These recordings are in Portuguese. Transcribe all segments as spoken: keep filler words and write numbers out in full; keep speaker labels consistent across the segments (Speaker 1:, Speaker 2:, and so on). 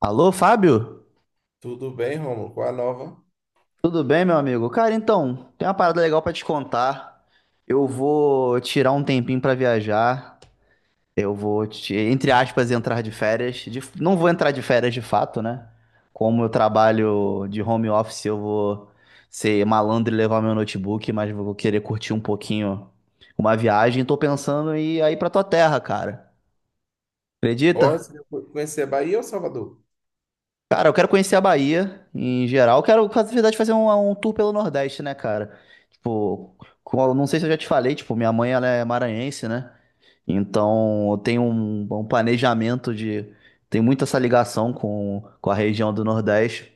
Speaker 1: Alô, Fábio?
Speaker 2: Tudo bem, Romulo? Qual a nova?
Speaker 1: Tudo bem, meu amigo? Cara, então, tem uma parada legal pra te contar. Eu vou tirar um tempinho pra viajar. Eu vou, te- entre aspas, entrar de férias. De- não vou entrar de férias de fato, né? Como eu trabalho de home office, eu vou ser malandro e levar meu notebook, mas vou querer curtir um pouquinho uma viagem. Tô pensando em ir aí pra tua terra, cara.
Speaker 2: Olha, você
Speaker 1: Acredita?
Speaker 2: vai conhecer Bahia ou Salvador?
Speaker 1: Cara, eu quero conhecer a Bahia em geral. Eu quero, na verdade, fazer um, um tour pelo Nordeste, né, cara? Tipo, com- não sei se eu já te falei, tipo, minha mãe ela é maranhense, né? Então eu tenho um, um planejamento de. Tem muito essa ligação com, com a região do Nordeste.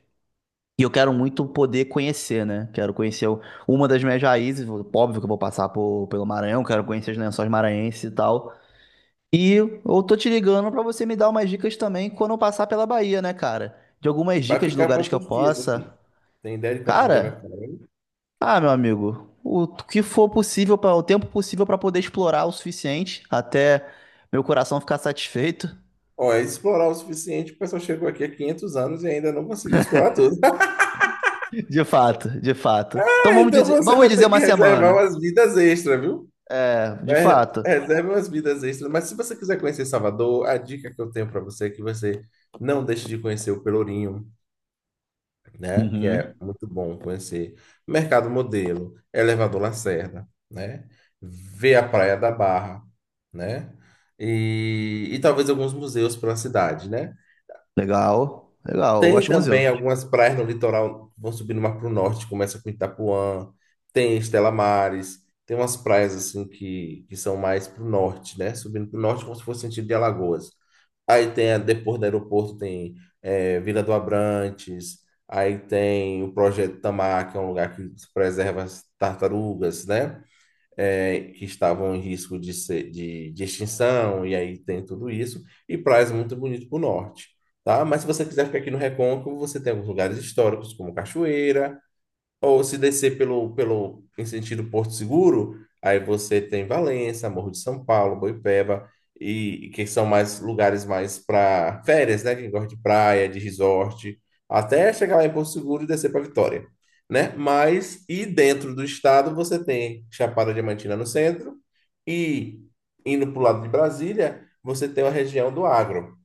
Speaker 1: E eu quero muito poder conhecer, né? Quero conhecer o- uma das minhas raízes. Óbvio que eu vou passar por, pelo Maranhão, quero conhecer os lençóis maranhenses e tal. E eu tô te ligando pra você me dar umas dicas também quando eu passar pela Bahia, né, cara? De algumas
Speaker 2: Vai
Speaker 1: dicas de
Speaker 2: ficar
Speaker 1: lugares que eu
Speaker 2: quantos dias
Speaker 1: possa.
Speaker 2: aqui? Tem ideia de quantos dias vai
Speaker 1: Cara,
Speaker 2: ficar aí?
Speaker 1: ah, meu amigo, o que for possível, pra, o tempo possível pra poder explorar o suficiente até meu coração ficar satisfeito.
Speaker 2: Olha, explorar o suficiente, o pessoal chegou aqui há quinhentos anos e ainda não conseguiu explorar tudo.
Speaker 1: De fato, de fato. Então vamos
Speaker 2: Então
Speaker 1: dizer,
Speaker 2: você
Speaker 1: vamos
Speaker 2: vai
Speaker 1: dizer
Speaker 2: ter que
Speaker 1: uma
Speaker 2: reservar
Speaker 1: semana.
Speaker 2: umas vidas extras, viu?
Speaker 1: É, de
Speaker 2: Né?
Speaker 1: fato.
Speaker 2: Reserve umas vidas extras. Mas se você quiser conhecer Salvador, a dica que eu tenho para você é que você não deixe de conhecer o Pelourinho, né? Que é
Speaker 1: Uhum.
Speaker 2: muito bom conhecer. Mercado Modelo, Elevador Lacerda, né? Ver a Praia da Barra, né? E, e talvez alguns museus pela cidade, né?
Speaker 1: Legal, legal. Eu gosto
Speaker 2: Tem
Speaker 1: de
Speaker 2: também
Speaker 1: museu.
Speaker 2: algumas praias no litoral, vão subindo mais para o norte, começa com Itapuã, tem Estela Mares, tem umas praias assim que, que são mais para o norte, né? Subindo para o norte como se fosse sentido de Alagoas. Aí tem, a- depois do aeroporto, tem eh, Vila do Abrantes, aí tem o Projeto Tamar, que é um lugar que preserva as tartarugas, né? É, que estavam em risco de, ser, de, de extinção, e aí tem tudo isso, e praias muito bonitas para o norte, tá? Mas se você quiser ficar aqui no Recôncavo, você tem alguns lugares históricos, como Cachoeira, ou se descer pelo, pelo, em sentido Porto Seguro, aí você tem Valença, Morro de São Paulo, Boipeba, e, que são mais lugares mais para férias, né? Quem gosta de praia, de resort, até chegar lá em Porto Seguro e descer para Vitória, né? Mas, e dentro do estado, você tem Chapada Diamantina no centro, e indo para o lado de Brasília, você tem a região do agro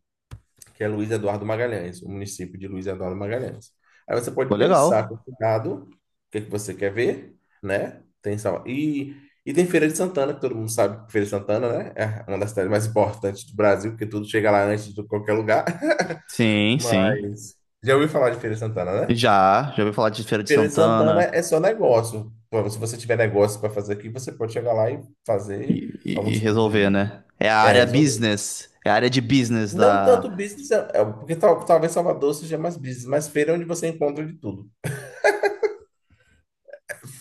Speaker 2: que é Luiz Eduardo Magalhães, o município de Luiz Eduardo Magalhães. Aí você
Speaker 1: Pô,
Speaker 2: pode
Speaker 1: legal.
Speaker 2: pensar com cuidado o que é que você quer ver, né? Tem Salva- e, e tem Feira de Santana, que todo mundo sabe que Feira de Santana, né? É uma das cidades mais importantes do Brasil, porque tudo chega lá antes de qualquer lugar.
Speaker 1: Sim, sim.
Speaker 2: Mas já ouviu falar de Feira de Santana, né?
Speaker 1: Já, já ouvi falar de Feira de
Speaker 2: Feira de Santana
Speaker 1: Santana.
Speaker 2: é só negócio. Bom, se você tiver negócio para fazer aqui, você pode chegar lá e fazer
Speaker 1: E,
Speaker 2: algum
Speaker 1: e- e
Speaker 2: tipo
Speaker 1: resolver,
Speaker 2: de.
Speaker 1: né? É a área
Speaker 2: é,
Speaker 1: business. É a área de business
Speaker 2: Não tanto
Speaker 1: da.
Speaker 2: business, é- é, porque tal- talvez Salvador seja mais business, mas feira é onde você encontra de tudo.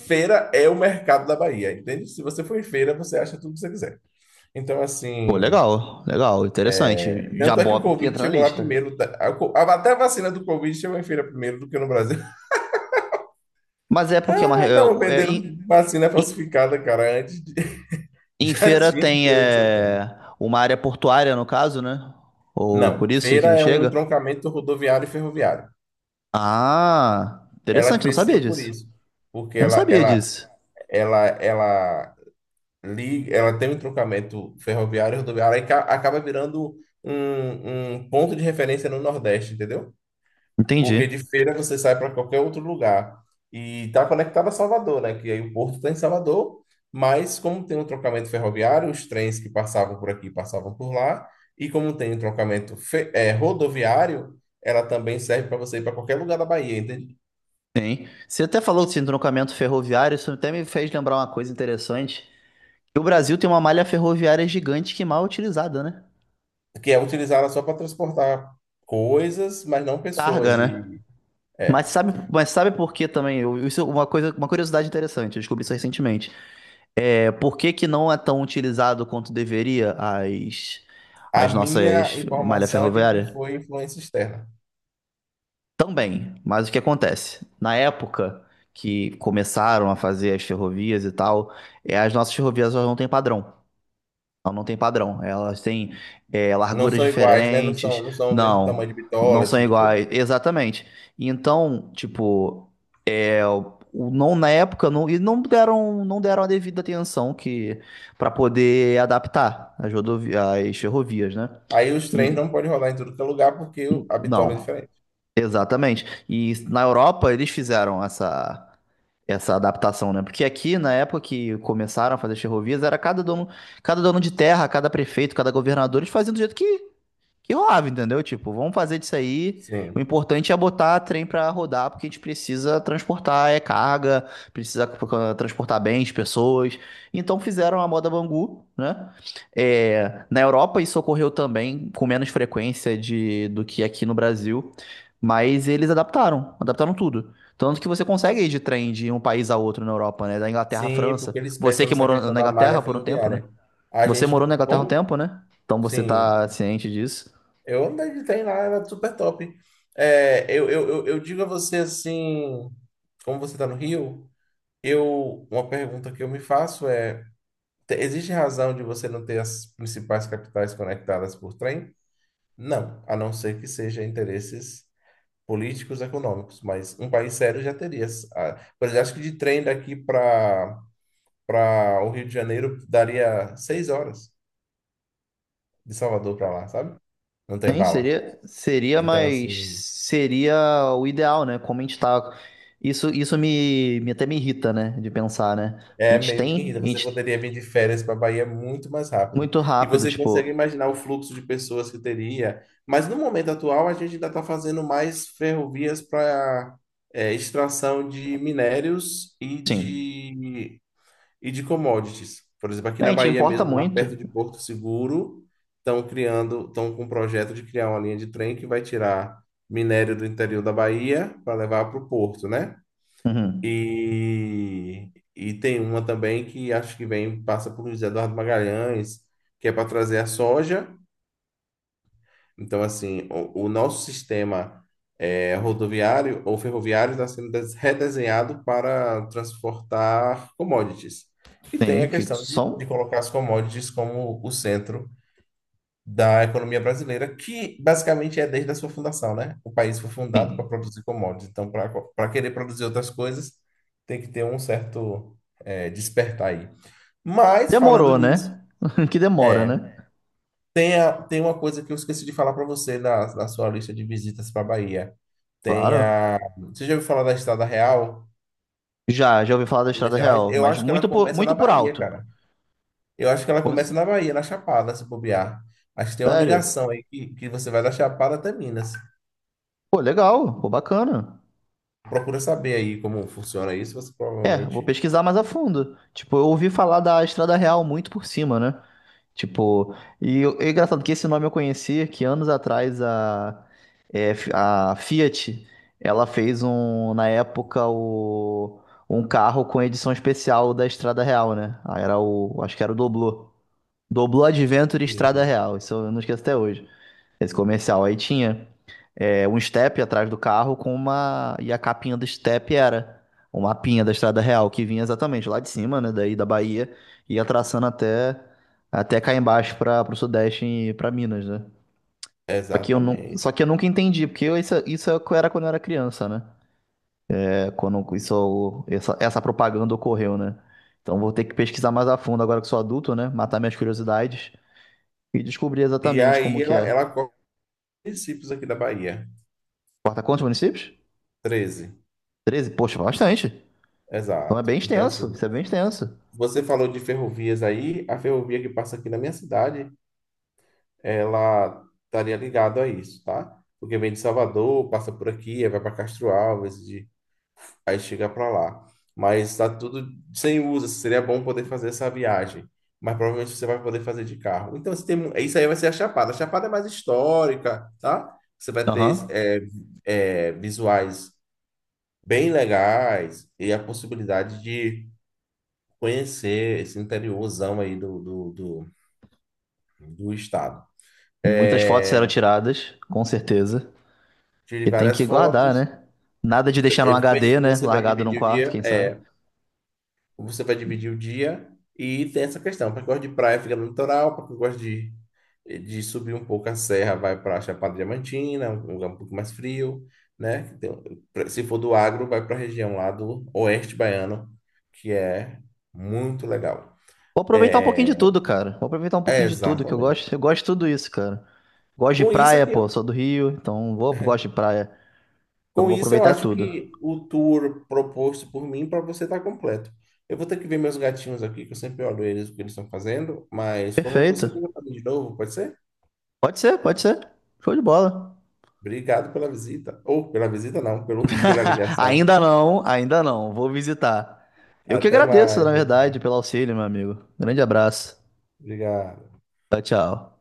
Speaker 2: Feira é o mercado da Bahia, entende? Se você for em feira, você acha tudo que você quiser. Então,
Speaker 1: Pô,
Speaker 2: assim,
Speaker 1: legal, legal, interessante. Já
Speaker 2: tanto é que o
Speaker 1: bota,
Speaker 2: Covid
Speaker 1: entra na
Speaker 2: chegou lá
Speaker 1: lista.
Speaker 2: primeiro, tá? A co- a- Até a vacina do Covid chegou em feira primeiro do que no Brasil.
Speaker 1: Mas é porque é uma. re-
Speaker 2: Aí tava
Speaker 1: é- é-
Speaker 2: vendendo
Speaker 1: em,
Speaker 2: vacina
Speaker 1: em-
Speaker 2: falsificada, cara, antes de...
Speaker 1: em
Speaker 2: Já
Speaker 1: feira
Speaker 2: tinha em
Speaker 1: tem
Speaker 2: Feira de Santana.
Speaker 1: é, uma área portuária, no caso, né? Ou por
Speaker 2: Não,
Speaker 1: isso que
Speaker 2: feira é um
Speaker 1: chega.
Speaker 2: entroncamento rodoviário e ferroviário.
Speaker 1: Ah,
Speaker 2: Ela
Speaker 1: interessante, não sabia
Speaker 2: cresceu por
Speaker 1: disso.
Speaker 2: isso, porque
Speaker 1: Eu não
Speaker 2: ela,
Speaker 1: sabia
Speaker 2: ela,
Speaker 1: disso.
Speaker 2: ela, ela li- ela tem um entroncamento ferroviário e rodoviário e ca- acaba virando um, um ponto de referência no Nordeste, entendeu? Porque de
Speaker 1: Entendi.
Speaker 2: Feira você sai para qualquer outro lugar. E está conectada a Salvador, né? Que aí o porto está em Salvador, mas como tem um trocamento ferroviário, os trens que passavam por aqui passavam por lá, e como tem um trocamento fe- eh, rodoviário, ela também serve para você ir para qualquer lugar da Bahia, entende?
Speaker 1: Sim. Você até falou de entroncamento ferroviário, isso até me fez lembrar uma coisa interessante. Que o Brasil tem uma malha ferroviária gigante que mal é utilizada, né?
Speaker 2: Que é utilizada só para transportar coisas, mas não
Speaker 1: Targa,
Speaker 2: pessoas.
Speaker 1: né?
Speaker 2: E,
Speaker 1: Mas
Speaker 2: é.
Speaker 1: sabe, mas sabe por que também? Eu- Isso é uma coisa, uma curiosidade interessante, eu descobri isso recentemente. É, por que que não é tão utilizado quanto deveria as,
Speaker 2: A
Speaker 1: as
Speaker 2: minha
Speaker 1: nossas malha
Speaker 2: informação é de que
Speaker 1: ferroviária?
Speaker 2: foi influência externa.
Speaker 1: Também, mas o que acontece? Na época que começaram a fazer as ferrovias e tal, é, as nossas ferrovias elas não têm padrão. Elas não têm padrão. Elas têm é,
Speaker 2: Não
Speaker 1: larguras
Speaker 2: são iguais, né? Não são,
Speaker 1: diferentes.
Speaker 2: não são o mesmo tamanho
Speaker 1: Não,
Speaker 2: de
Speaker 1: não
Speaker 2: bitola, esse
Speaker 1: são
Speaker 2: tipo de coisa.
Speaker 1: iguais. Exatamente. Então, tipo. É, o- o- não na época não, e não deram não deram a devida atenção que para poder adaptar as rodovi- as ferrovias, né?
Speaker 2: Aí os trens não
Speaker 1: E-
Speaker 2: podem rodar em tudo que é lugar porque o- a bitola é
Speaker 1: não,
Speaker 2: diferente.
Speaker 1: exatamente. E na Europa eles fizeram essa essa adaptação, né? Porque aqui na época que começaram a fazer as ferrovias era cada dono cada dono de terra, cada prefeito, cada governador eles faziam do jeito que que rolava, entendeu? Tipo, vamos fazer disso aí. O
Speaker 2: Sim.
Speaker 1: importante é botar trem pra rodar, porque a gente precisa transportar é carga, precisa eh, transportar bens, pessoas. Então fizeram a moda Bangu, né? É, na Europa isso ocorreu também com menos frequência de, do que aqui no Brasil, mas eles adaptaram, adaptaram tudo. Tanto que você consegue ir de trem de um país a outro na Europa, né? Da Inglaterra à
Speaker 2: Sim,
Speaker 1: França.
Speaker 2: porque eles
Speaker 1: Você
Speaker 2: pensam
Speaker 1: que
Speaker 2: nessa
Speaker 1: morou
Speaker 2: questão
Speaker 1: na
Speaker 2: da malha
Speaker 1: Inglaterra por um tempo, né?
Speaker 2: ferroviária. A
Speaker 1: Você morou
Speaker 2: gente.
Speaker 1: na Inglaterra um
Speaker 2: Como?
Speaker 1: tempo, né? Então você tá
Speaker 2: Sim.
Speaker 1: ciente disso.
Speaker 2: Eu andei de trem lá, era super top. É, eu, eu, eu, eu digo a você assim, como você está no Rio, eu, uma pergunta que eu me faço é. Te- Existe razão de você não ter as principais capitais conectadas por trem? Não, a não ser que seja interesses políticos, econômicos, mas um país sério já teria. as- a- Por exemplo, acho que de trem daqui para para o Rio de Janeiro daria seis horas de Salvador para lá, sabe? Não tem
Speaker 1: Sim,
Speaker 2: bala.
Speaker 1: seria, seria,
Speaker 2: Então,
Speaker 1: mas
Speaker 2: assim.
Speaker 1: seria o ideal, né? Como a gente tá. Isso, isso me, me até me irrita, né? De pensar, né? Porque a
Speaker 2: É
Speaker 1: gente
Speaker 2: meio que
Speaker 1: tem,
Speaker 2: irrita.
Speaker 1: a
Speaker 2: Você
Speaker 1: gente
Speaker 2: poderia vir de férias para a Bahia muito mais rápido.
Speaker 1: muito
Speaker 2: E
Speaker 1: rápido,
Speaker 2: você consegue
Speaker 1: tipo,
Speaker 2: imaginar o fluxo de pessoas que teria. Mas no momento atual, a gente ainda está fazendo mais ferrovias para extração de minérios e
Speaker 1: sim.
Speaker 2: de, e de commodities. Por exemplo, aqui
Speaker 1: A
Speaker 2: na
Speaker 1: gente
Speaker 2: Bahia
Speaker 1: importa
Speaker 2: mesmo, lá perto
Speaker 1: muito.
Speaker 2: de Porto Seguro, estão criando, estão com um projeto de criar uma linha de trem que vai tirar minério do interior da Bahia para levar para o porto, né?
Speaker 1: Uhum.
Speaker 2: E, e tem uma também que acho que vem, passa por José Eduardo Magalhães, que é para trazer a soja. Então, assim, o, o nosso sistema eh, rodoviário ou ferroviário está sendo des- redesenhado para transportar commodities. E tem
Speaker 1: Sim,
Speaker 2: a
Speaker 1: que
Speaker 2: questão de, de
Speaker 1: são.
Speaker 2: colocar as commodities como o centro da economia brasileira, que basicamente é desde a sua fundação, né? O país foi fundado para
Speaker 1: Sim.
Speaker 2: produzir commodities. Então, para para querer produzir outras coisas, tem que ter um certo eh, despertar aí. Mas, falando
Speaker 1: Demorou,
Speaker 2: nisso,
Speaker 1: né? Que demora,
Speaker 2: é,
Speaker 1: né?
Speaker 2: tem, a- tem uma coisa que eu esqueci de falar para você na, na sua lista de visitas para Bahia. Tem
Speaker 1: Claro.
Speaker 2: a... Você já ouviu falar da Estrada Real,
Speaker 1: Já, já ouvi falar da
Speaker 2: Minas
Speaker 1: Estrada
Speaker 2: Gerais?
Speaker 1: Real,
Speaker 2: Eu
Speaker 1: mas
Speaker 2: acho que ela
Speaker 1: muito por,
Speaker 2: começa
Speaker 1: muito
Speaker 2: na
Speaker 1: por
Speaker 2: Bahia,
Speaker 1: alto.
Speaker 2: cara. Eu acho que ela
Speaker 1: Como
Speaker 2: começa
Speaker 1: assim?
Speaker 2: na Bahia, na Chapada, se bobear. Acho que tem uma
Speaker 1: Sério?
Speaker 2: ligação aí que, que você vai da Chapada até Minas.
Speaker 1: Pô, legal, pô, bacana.
Speaker 2: Procura saber aí como funciona isso, você
Speaker 1: É, vou
Speaker 2: provavelmente.
Speaker 1: pesquisar mais a fundo. Tipo, eu ouvi falar da Estrada Real muito por cima, né? Tipo, e eu- é engraçado que esse nome eu conhecia que anos atrás a, é, a Fiat, ela fez um, na época, o, um carro com edição especial da Estrada Real, né? Ah, Era o, acho que era o Doblô. Doblô Adventure Estrada
Speaker 2: Sim,
Speaker 1: Real, isso eu não esqueço até hoje. Esse comercial aí tinha é, um step atrás do carro com uma. E a capinha do step era o mapinha da Estrada Real, que vinha exatamente lá de cima, né? Daí da Bahia, ia traçando até, até cá embaixo para o Sudeste e para Minas, né? Só que, eu não, só
Speaker 2: exatamente.
Speaker 1: que eu nunca entendi, porque eu- isso, isso é o que eu era quando eu era criança, né? É, quando isso, essa, essa propaganda ocorreu, né? Então vou ter que pesquisar mais a fundo agora que sou adulto, né? Matar minhas curiosidades e descobrir
Speaker 2: E
Speaker 1: exatamente como
Speaker 2: aí
Speaker 1: que
Speaker 2: ela,
Speaker 1: é.
Speaker 2: ela cobre municípios aqui da Bahia.
Speaker 1: Corta quantos municípios?
Speaker 2: Treze.
Speaker 1: Treze. Poxa, bastante. Então é
Speaker 2: Exato.
Speaker 1: bem
Speaker 2: Então, assim,
Speaker 1: extenso, isso é bem extenso.
Speaker 2: você falou de ferrovias aí, a ferrovia que passa aqui na minha cidade, ela estaria ligada a isso, tá? Porque vem de Salvador, passa por aqui, aí vai para Castro Alves, de aí chega para lá. Mas está tudo sem uso. Assim, seria bom poder fazer essa viagem. Mas provavelmente você vai poder fazer de carro. Então, você tem, mu- isso aí vai ser a Chapada. A Chapada é mais histórica, tá? Você vai ter
Speaker 1: Aham.
Speaker 2: é, é, visuais bem legais e a possibilidade de conhecer esse interiorzão aí do, do, do, do estado.
Speaker 1: Muitas fotos serão
Speaker 2: É,
Speaker 1: tiradas, com certeza.
Speaker 2: tire
Speaker 1: E tem
Speaker 2: várias
Speaker 1: que guardar,
Speaker 2: fotos.
Speaker 1: né? Nada de deixar no
Speaker 2: Eu penso
Speaker 1: H D,
Speaker 2: que
Speaker 1: né?
Speaker 2: você vai
Speaker 1: Largado num
Speaker 2: dividir o
Speaker 1: quarto,
Speaker 2: dia.
Speaker 1: quem sabe.
Speaker 2: É, você vai dividir o dia e tem essa questão. Para quem gosta de praia, fica no litoral. Para quem gosta de, de subir um pouco a serra, vai para a Chapada Diamantina, um lugar um pouco mais frio, né? Então, pra- se for do agro, vai para a região lá do Oeste Baiano, que é muito legal.
Speaker 1: Vou aproveitar um pouquinho de
Speaker 2: É,
Speaker 1: tudo, cara. Vou aproveitar um
Speaker 2: é
Speaker 1: pouquinho de tudo que eu
Speaker 2: exatamente.
Speaker 1: gosto. Eu gosto de tudo isso, cara. Gosto de
Speaker 2: Com isso
Speaker 1: praia,
Speaker 2: aqui,
Speaker 1: pô,
Speaker 2: eu-
Speaker 1: sou do Rio, então vou, gosto de praia. Então
Speaker 2: com
Speaker 1: vou
Speaker 2: isso eu
Speaker 1: aproveitar
Speaker 2: acho
Speaker 1: tudo.
Speaker 2: que o tour proposto por mim para você está completo. Eu vou ter que ver meus gatinhos aqui, que eu sempre olho eles, o que eles estão fazendo, mas qualquer coisa você
Speaker 1: Perfeito.
Speaker 2: liga para mim de novo, pode ser?
Speaker 1: Pode ser, pode ser. Show de bola.
Speaker 2: Obrigado pela visita. Ou pela visita, não, pelo, pela ligação.
Speaker 1: Ainda não, ainda não. Vou visitar. Eu que
Speaker 2: Até
Speaker 1: agradeço, na
Speaker 2: mais. Tchau, tchau.
Speaker 1: verdade, pelo auxílio, meu amigo. Grande abraço.
Speaker 2: Obrigado.
Speaker 1: Tchau, tchau.